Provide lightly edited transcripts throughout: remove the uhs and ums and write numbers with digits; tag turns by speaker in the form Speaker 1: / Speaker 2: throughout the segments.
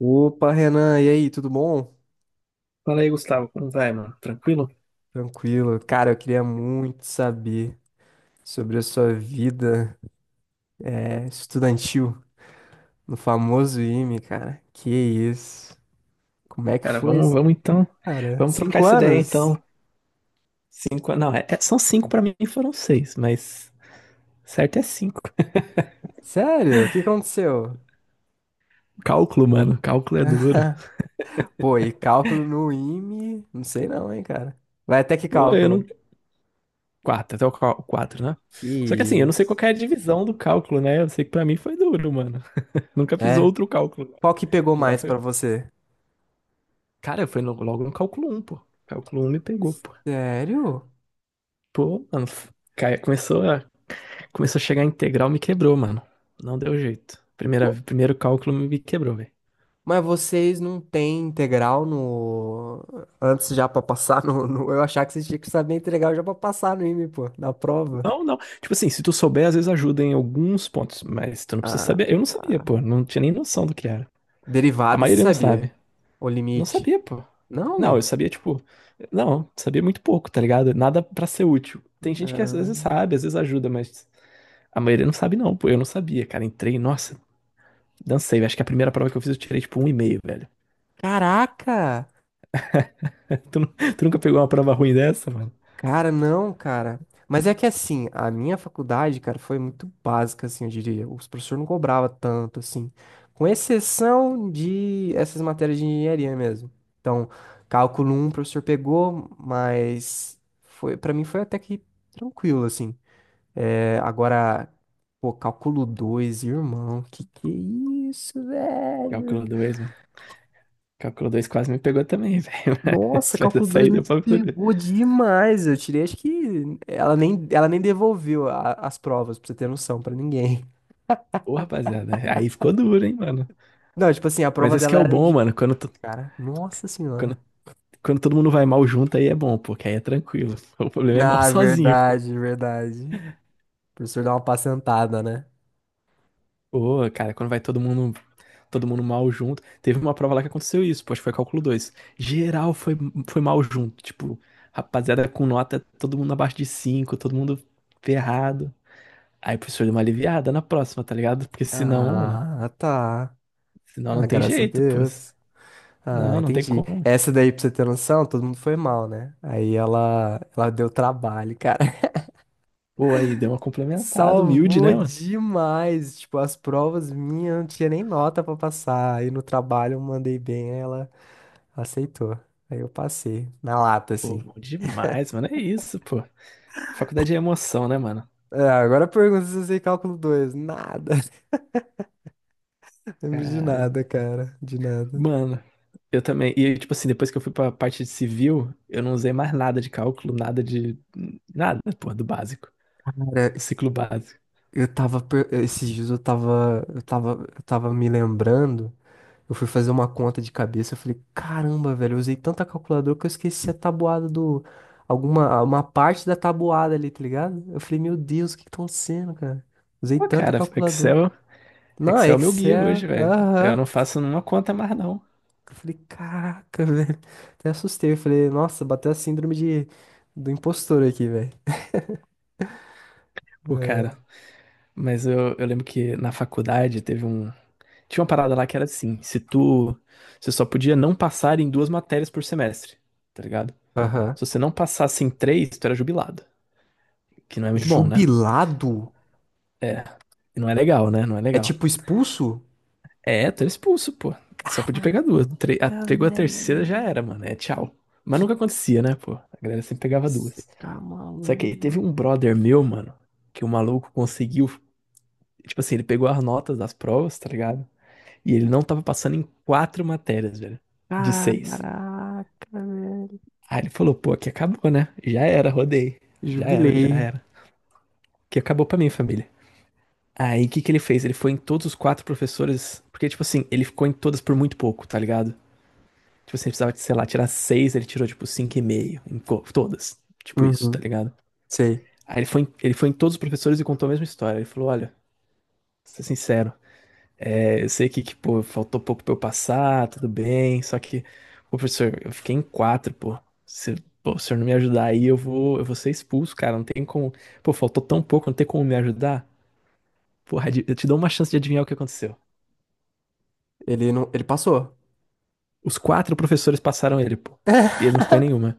Speaker 1: Opa, Renan, e aí, tudo bom?
Speaker 2: Fala aí, Gustavo, como vai, mano? Tranquilo?
Speaker 1: Tranquilo. Cara, eu queria muito saber sobre a sua vida estudantil no famoso IME, cara. Que isso? Como é que
Speaker 2: Cara,
Speaker 1: foi
Speaker 2: vamos,
Speaker 1: isso,
Speaker 2: vamos então.
Speaker 1: cara?
Speaker 2: Vamos trocar
Speaker 1: Cinco
Speaker 2: essa ideia
Speaker 1: anos?
Speaker 2: então. Cinco, não, são cinco pra mim, foram seis, mas certo é cinco.
Speaker 1: Sério? O que aconteceu?
Speaker 2: Cálculo, mano, cálculo é duro.
Speaker 1: Pô, e cálculo no IME? Não sei não, hein, cara. Vai até que
Speaker 2: Pô, eu
Speaker 1: cálculo?
Speaker 2: não. Quatro, quatro, né?
Speaker 1: Que
Speaker 2: Só que assim, eu não sei qual
Speaker 1: isso?
Speaker 2: que é a divisão do cálculo, né? Eu sei que pra mim foi duro, mano. Nunca fiz
Speaker 1: É?
Speaker 2: outro cálculo.
Speaker 1: Qual que pegou
Speaker 2: De lá
Speaker 1: mais
Speaker 2: foi.
Speaker 1: pra você?
Speaker 2: Cara, foi no- logo no cálculo um, pô. Cálculo um me pegou, pô.
Speaker 1: Sério?
Speaker 2: Pô, mano, Começou a chegar a integral, me quebrou, mano. Não deu jeito. Primeiro cálculo me quebrou, velho.
Speaker 1: Mas vocês não têm integral no. Antes já pra passar eu achava que vocês tinham que saber integral já pra passar no IME, pô, na prova.
Speaker 2: Não, não. Tipo assim, se tu souber, às vezes ajuda em alguns pontos, mas tu não precisa
Speaker 1: Ah,
Speaker 2: saber. Eu não sabia,
Speaker 1: tá.
Speaker 2: pô. Não tinha nem noção do que era. A
Speaker 1: Derivada, você
Speaker 2: maioria não
Speaker 1: sabia?
Speaker 2: sabe.
Speaker 1: O
Speaker 2: Não
Speaker 1: limite.
Speaker 2: sabia, pô. Não, eu
Speaker 1: Não?
Speaker 2: sabia, tipo. Não, sabia muito pouco, tá ligado? Nada pra ser útil. Tem gente que às vezes
Speaker 1: Ah,
Speaker 2: sabe, às vezes ajuda, mas a maioria não sabe, não, pô. Eu não sabia, cara. Entrei, nossa, dancei, velho. Acho que a primeira prova que eu fiz eu tirei, tipo, um e meio, velho.
Speaker 1: caraca!
Speaker 2: Tu, tu nunca pegou uma prova ruim dessa, mano?
Speaker 1: Cara, não, cara. Mas é que assim, a minha faculdade, cara, foi muito básica, assim, eu diria. Os professores não cobravam tanto, assim. Com exceção de essas matérias de engenharia mesmo. Então, cálculo um o professor pegou, mas foi, para mim foi até que tranquilo, assim. É, agora, pô, cálculo 2 irmão, que é isso, velho?
Speaker 2: Cálculo 2, Calculo 2 quase me pegou também, velho.
Speaker 1: Nossa,
Speaker 2: Mas vai dar
Speaker 1: cálculo 2
Speaker 2: saída
Speaker 1: me
Speaker 2: pra poder.
Speaker 1: pegou demais. Eu tirei, acho que ela nem devolveu as provas, pra você ter noção, pra ninguém.
Speaker 2: Ô, rapaziada, aí ficou duro, hein, mano.
Speaker 1: Não, tipo assim, a
Speaker 2: Mas
Speaker 1: prova
Speaker 2: esse que
Speaker 1: dela
Speaker 2: é o
Speaker 1: era
Speaker 2: bom,
Speaker 1: de
Speaker 2: mano.
Speaker 1: cara. Nossa senhora.
Speaker 2: Quando, quando todo mundo vai mal junto, aí é bom, pô, que aí é tranquilo. O problema é mal
Speaker 1: Ah,
Speaker 2: sozinho, pô.
Speaker 1: verdade, verdade. O professor dá uma pacentada, né?
Speaker 2: Ô, cara, quando vai todo mundo mal junto. Teve uma prova lá que aconteceu isso, pô, acho que foi cálculo 2. Geral foi, foi mal junto. Tipo, rapaziada com nota, todo mundo abaixo de 5, todo mundo ferrado. Aí o professor deu uma aliviada na próxima, tá ligado? Porque senão, mano,
Speaker 1: Ah, tá.
Speaker 2: senão não
Speaker 1: Ah,
Speaker 2: tem
Speaker 1: graças a
Speaker 2: jeito, pô.
Speaker 1: Deus. Ah,
Speaker 2: Não, não tem
Speaker 1: entendi.
Speaker 2: como.
Speaker 1: Essa daí, pra você ter noção, todo mundo foi mal, né? Aí ela deu trabalho, cara.
Speaker 2: Pô, aí deu uma complementada, humilde,
Speaker 1: Salvou
Speaker 2: né, mano?
Speaker 1: demais. Tipo, as provas minhas não tinha nem nota pra passar. Aí no trabalho eu mandei bem, ela aceitou. Aí eu passei, na lata,
Speaker 2: Pô,
Speaker 1: assim.
Speaker 2: bom demais, mano. É isso, pô. Faculdade é emoção, né, mano?
Speaker 1: É, agora pergunta se eu sei cálculo dois. Nada. Lembro de
Speaker 2: Caramba.
Speaker 1: nada, cara. De nada.
Speaker 2: Mano, eu também. E, tipo assim, depois que eu fui pra parte de civil, eu não usei mais nada de cálculo, nada de. Nada, pô, do básico.
Speaker 1: Cara,
Speaker 2: Do ciclo básico.
Speaker 1: esses dias eu tava me lembrando. Eu fui fazer uma conta de cabeça, eu falei, caramba, velho, eu usei tanta calculadora que eu esqueci a tabuada do... Alguma, uma parte da tabuada ali, tá ligado? Eu falei, meu Deus, o que que tá acontecendo, cara? Usei
Speaker 2: Pô,
Speaker 1: tanta
Speaker 2: cara,
Speaker 1: calculadora.
Speaker 2: Excel.
Speaker 1: Não, é
Speaker 2: Excel é o meu guia
Speaker 1: Excel,
Speaker 2: hoje, velho.
Speaker 1: aham.
Speaker 2: Eu não faço nenhuma conta mais, não.
Speaker 1: Eu falei, caraca, velho. Até assustei, eu falei, nossa, bateu a síndrome de... do impostor aqui, velho.
Speaker 2: Pô,
Speaker 1: É.
Speaker 2: cara. Mas eu lembro que na faculdade teve um, tinha uma parada lá que era assim, se tu, você só podia não passar em duas matérias por semestre, tá ligado?
Speaker 1: Aham.
Speaker 2: Se você não passasse em três, tu era jubilado, que não é muito bom, né?
Speaker 1: Jubilado?
Speaker 2: É, e não é legal, né? Não é
Speaker 1: É
Speaker 2: legal.
Speaker 1: tipo expulso?
Speaker 2: É, tu era expulso, pô. Só podia pegar duas.
Speaker 1: Ah,
Speaker 2: Pegou a terceira, já
Speaker 1: velho.
Speaker 2: era, mano. É tchau.
Speaker 1: Que...
Speaker 2: Mas nunca acontecia, né, pô? A galera sempre pegava
Speaker 1: Você
Speaker 2: duas.
Speaker 1: tá
Speaker 2: Só que aí teve
Speaker 1: maluco?
Speaker 2: um brother meu, mano, que o maluco conseguiu, tipo assim, ele pegou as notas das provas, tá ligado? E ele não tava passando em quatro matérias, velho, de seis.
Speaker 1: Caraca, velho.
Speaker 2: Aí ele falou, pô, aqui acabou, né? Já era, rodei. Já era, já
Speaker 1: Jubilei.
Speaker 2: era. Que acabou pra mim, família. Aí o que que ele fez? Ele foi em todos os quatro professores, porque, tipo assim, ele ficou em todas por muito pouco, tá ligado? Tipo assim, ele precisava, sei lá, tirar seis, ele tirou, tipo, cinco e meio, em todas. Tipo isso, tá
Speaker 1: Uhum,
Speaker 2: ligado?
Speaker 1: sei.
Speaker 2: Aí ele foi em todos os professores e contou a mesma história. Ele falou, olha, pra ser sincero, é, eu sei que, pô, faltou pouco pra eu passar, tudo bem, só que, pô, professor, eu fiquei em quatro, pô. Se, pô, se o senhor não me ajudar aí, eu vou ser expulso, cara. Não tem como. Pô, faltou tão pouco, não tem como me ajudar. Porra, eu te dou uma chance de adivinhar o que aconteceu.
Speaker 1: Ele não, ele passou.
Speaker 2: Os quatro professores passaram ele, pô. E ele não ficou em nenhuma.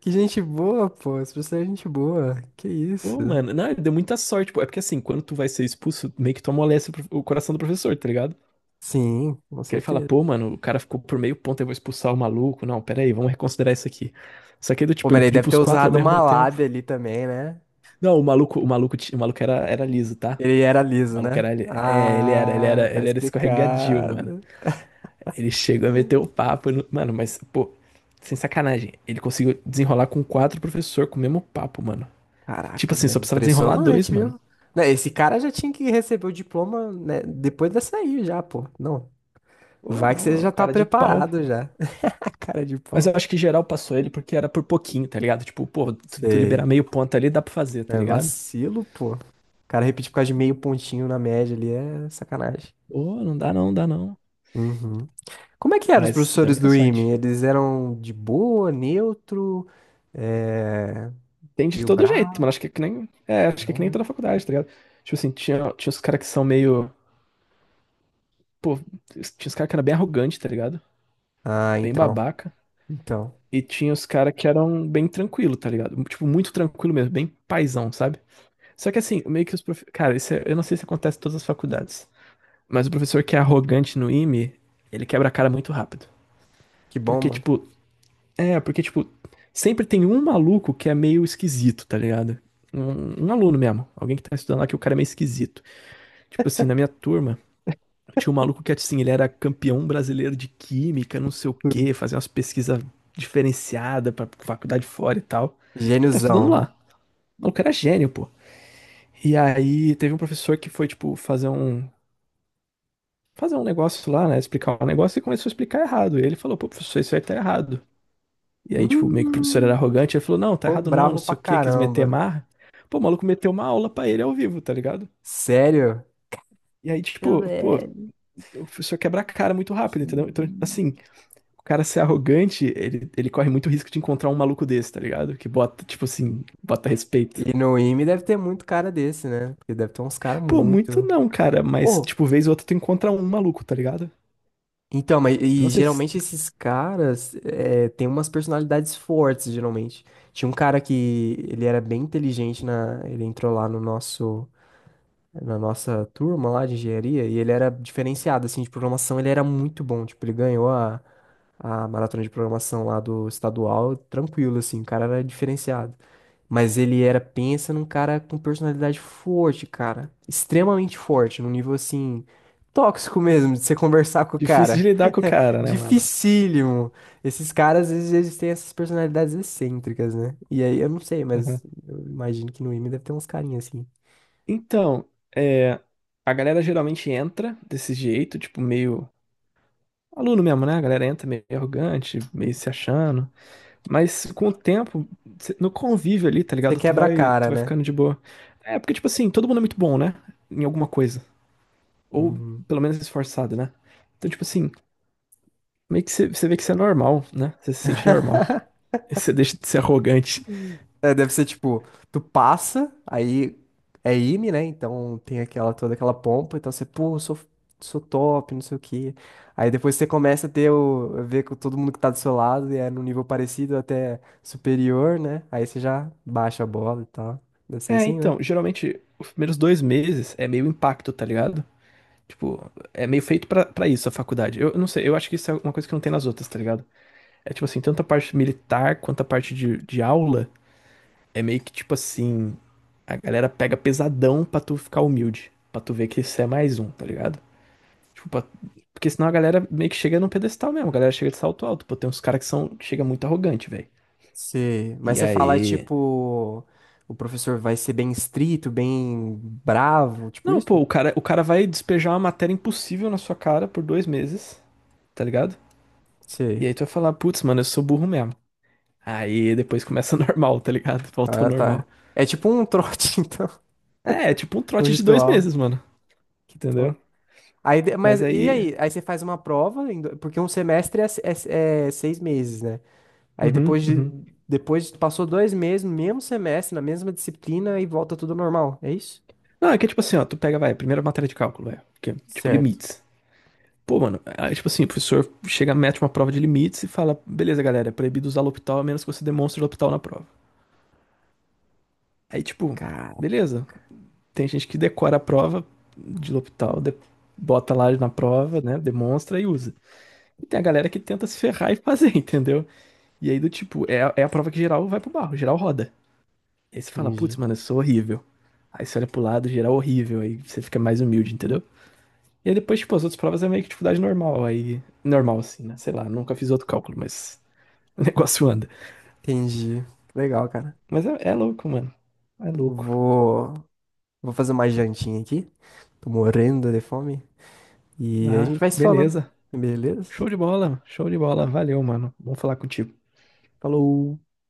Speaker 1: Que gente boa, pô. Esse professor é gente boa. Que isso?
Speaker 2: Pô, mano, não, ele deu muita sorte, pô. É porque assim, quando tu vai ser expulso, meio que tu amolece o coração do professor, tá ligado?
Speaker 1: Sim, com
Speaker 2: Que ele fala,
Speaker 1: certeza.
Speaker 2: pô, mano, o cara ficou por meio ponto, eu vou expulsar o maluco. Não, pera aí, vamos reconsiderar isso aqui. Só que aí do
Speaker 1: Pô,
Speaker 2: tipo, ele
Speaker 1: mas ele
Speaker 2: pediu
Speaker 1: deve ter
Speaker 2: pros quatro ao
Speaker 1: usado uma
Speaker 2: mesmo tempo.
Speaker 1: lábia ali também, né?
Speaker 2: Não, o maluco era, era liso, tá?
Speaker 1: Ele era
Speaker 2: O
Speaker 1: liso,
Speaker 2: maluco
Speaker 1: né?
Speaker 2: era, li- é, ele era, ele
Speaker 1: Ah,
Speaker 2: era,
Speaker 1: tá
Speaker 2: ele era escorregadio, mano.
Speaker 1: explicado.
Speaker 2: Ele chegou a meter o papo, mano, mas, pô, sem sacanagem, ele conseguiu desenrolar com quatro professor com o mesmo papo, mano. Tipo
Speaker 1: Caraca,
Speaker 2: assim, só
Speaker 1: velho.
Speaker 2: precisava desenrolar
Speaker 1: Impressionante,
Speaker 2: dois, mano.
Speaker 1: viu? Né, esse cara já tinha que receber o diploma, né, depois dessa aí já, pô. Não.
Speaker 2: Pô,
Speaker 1: Vai que
Speaker 2: não,
Speaker 1: você
Speaker 2: é um
Speaker 1: já tá
Speaker 2: cara de pau.
Speaker 1: preparado já. Cara de
Speaker 2: Mas
Speaker 1: pau.
Speaker 2: eu acho que geral passou ele porque era por pouquinho, tá ligado? Tipo, pô, tu
Speaker 1: Sei.
Speaker 2: liberar meio ponto ali, dá pra fazer, tá
Speaker 1: É
Speaker 2: ligado?
Speaker 1: vacilo, pô. O cara repetir por causa de meio pontinho na média ali é sacanagem.
Speaker 2: Ô, não dá não, dá não.
Speaker 1: Uhum. Como é que eram os
Speaker 2: Mas deu
Speaker 1: professores
Speaker 2: muita
Speaker 1: do IME?
Speaker 2: sorte.
Speaker 1: Eles eram de boa, neutro, é...
Speaker 2: Tem de
Speaker 1: meio
Speaker 2: todo jeito, mano.
Speaker 1: bravo?
Speaker 2: Acho que é que nem. É, acho que é que nem
Speaker 1: Né?
Speaker 2: toda faculdade, tá ligado? Tipo assim, tinha os caras que são meio. Pô, tinha os caras que eram bem arrogantes, tá ligado?
Speaker 1: Ah,
Speaker 2: Bem
Speaker 1: então.
Speaker 2: babaca.
Speaker 1: Então.
Speaker 2: E tinha os caras que eram bem tranquilo, tá ligado? Tipo, muito tranquilo mesmo, bem paizão, sabe? Só que assim, meio que os prof... Cara, eu não sei se acontece em todas as faculdades. Mas o professor que é arrogante no IME, ele quebra a cara muito rápido.
Speaker 1: Que bom,
Speaker 2: Porque,
Speaker 1: mano.
Speaker 2: tipo, É, porque, tipo, sempre tem um maluco que é meio esquisito, tá ligado? Um aluno mesmo, alguém que tá estudando lá que o cara é meio esquisito. Tipo assim, na minha turma, tinha um maluco que, assim, ele era campeão brasileiro de química, não sei o quê, fazia umas pesquisas diferenciadas pra faculdade fora e tal. E tá estudando
Speaker 1: Gêniozão.
Speaker 2: lá. O maluco era gênio, pô. E aí teve um professor que foi, tipo, fazer um. Fazer um negócio lá, né? Explicar um negócio e começou a explicar errado. E ele falou, pô, professor, isso aí tá errado. E aí, tipo, meio que o professor era
Speaker 1: Hum,
Speaker 2: arrogante, ele falou, não, tá
Speaker 1: ficou
Speaker 2: errado não, não
Speaker 1: bravo pra
Speaker 2: sei o quê, quis meter
Speaker 1: caramba.
Speaker 2: marra. Pô, o maluco meteu uma aula pra ele ao vivo, tá ligado?
Speaker 1: Sério?
Speaker 2: E aí,
Speaker 1: Fica
Speaker 2: tipo, pô,
Speaker 1: velho.
Speaker 2: o professor quebra a cara muito rápido, entendeu? Então, assim, o cara ser arrogante, ele corre muito risco de encontrar um maluco desse, tá ligado? Que bota, tipo assim, bota respeito.
Speaker 1: E no IME deve ter muito cara desse, né? Porque deve ter uns caras
Speaker 2: Pô, muito
Speaker 1: muito.
Speaker 2: não, cara, mas,
Speaker 1: Ô,
Speaker 2: tipo, vez ou outra tu encontra um maluco, tá ligado?
Speaker 1: então, mas
Speaker 2: Não
Speaker 1: e
Speaker 2: sei,
Speaker 1: geralmente esses caras têm umas personalidades fortes, geralmente. Tinha um cara que ele era bem inteligente ele entrou lá no nosso na nossa turma lá de engenharia e ele era diferenciado assim de programação, ele era muito bom, tipo, ele ganhou a maratona de programação lá do estadual, tranquilo assim, o cara era diferenciado. Mas ele era, pensa num cara com personalidade forte, cara, extremamente forte, num nível assim tóxico mesmo de você conversar com o
Speaker 2: difícil
Speaker 1: cara.
Speaker 2: de lidar com o cara, né, mano?
Speaker 1: Dificílimo. Esses caras, às vezes, eles têm essas personalidades excêntricas, né? E aí, eu não sei, mas
Speaker 2: Aham.
Speaker 1: eu imagino que no IME deve ter uns carinhas assim.
Speaker 2: Então, é, a galera geralmente entra desse jeito, tipo, meio aluno mesmo, né? A galera entra meio arrogante, meio se achando. Mas com o tempo, no convívio ali, tá
Speaker 1: Você
Speaker 2: ligado? Tu
Speaker 1: quebra a
Speaker 2: vai, tu
Speaker 1: cara,
Speaker 2: vai
Speaker 1: né?
Speaker 2: ficando de boa. É porque, tipo assim, todo mundo é muito bom, né? Em alguma coisa. Ou
Speaker 1: Uhum.
Speaker 2: pelo menos esforçado, né? Então, tipo assim, meio que você vê que você é normal, né? Você se sente normal. Você deixa de ser arrogante.
Speaker 1: É, deve ser tipo, tu passa, aí é IME, né? Então tem aquela toda aquela pompa, então você, pô, eu sou, sou top, não sei o quê. Aí depois você começa a a ver com todo mundo que tá do seu lado e é num nível parecido até superior, né? Aí você já baixa a bola e tal. Deve ser
Speaker 2: É,
Speaker 1: assim, né?
Speaker 2: então, geralmente, os primeiros dois meses é meio impacto, tá ligado? Tipo, é meio feito pra isso a faculdade. Eu não sei, eu acho que isso é uma coisa que não tem nas outras, tá ligado? É tipo assim, tanto a parte militar quanto a parte de aula é meio que tipo assim, a galera pega pesadão pra tu ficar humilde, pra tu ver que isso é mais um, tá ligado? Tipo, porque senão a galera meio que chega num pedestal mesmo, a galera chega de salto alto, pô, tem uns caras que são que chega muito arrogante, velho.
Speaker 1: Sei. Mas
Speaker 2: E
Speaker 1: você fala,
Speaker 2: aí,
Speaker 1: tipo, o professor vai ser bem estrito, bem bravo, tipo
Speaker 2: não, pô,
Speaker 1: isso?
Speaker 2: o cara vai despejar uma matéria impossível na sua cara por dois meses, tá ligado? E
Speaker 1: Sei.
Speaker 2: aí tu vai falar, putz, mano, eu sou burro mesmo. Aí depois começa normal, tá ligado? Volta ao
Speaker 1: Ah,
Speaker 2: normal.
Speaker 1: tá. É tipo um trote, então,
Speaker 2: É, é tipo um
Speaker 1: um
Speaker 2: trote de dois
Speaker 1: ritual.
Speaker 2: meses, mano.
Speaker 1: Que
Speaker 2: Entendeu?
Speaker 1: top. Mas
Speaker 2: Mas
Speaker 1: e
Speaker 2: aí.
Speaker 1: aí? Aí você faz uma prova, porque um semestre é, é seis meses, né? Aí
Speaker 2: Uhum,
Speaker 1: depois de,
Speaker 2: uhum.
Speaker 1: passou dois meses, no mesmo semestre, na mesma disciplina e volta tudo normal, é isso?
Speaker 2: Não, é que tipo assim, ó, tu pega, vai, primeira matéria de cálculo, vai, que é, tipo,
Speaker 1: Certo.
Speaker 2: limites. Pô, mano, aí, tipo assim, o professor chega, mete uma prova de limites e fala, beleza, galera, é proibido usar L'Hopital a menos que você demonstre L'Hopital na prova. Aí, tipo,
Speaker 1: Cara,
Speaker 2: beleza, tem gente que decora a prova de L'Hopital, bota lá na prova, né, demonstra e usa. E tem a galera que tenta se ferrar e fazer, entendeu? E aí, do tipo, é, é a prova que geral vai pro barro, geral roda. Aí você fala,
Speaker 1: entendi.
Speaker 2: putz, mano, eu sou horrível. Aí você olha pro lado, geral horrível, aí você fica mais humilde, entendeu? E aí depois, tipo, as outras provas é meio que dificuldade normal, aí... Normal, assim, né? Sei lá, nunca fiz outro cálculo, mas o negócio anda.
Speaker 1: Entendi. Legal, cara.
Speaker 2: Mas é, é louco, mano. É louco.
Speaker 1: Vou, vou fazer uma jantinha aqui. Tô morrendo de fome. E aí a
Speaker 2: Ah,
Speaker 1: gente vai se falando.
Speaker 2: beleza.
Speaker 1: Beleza?
Speaker 2: Show de bola, show de bola. Valeu, mano. Bom falar contigo.
Speaker 1: Falou!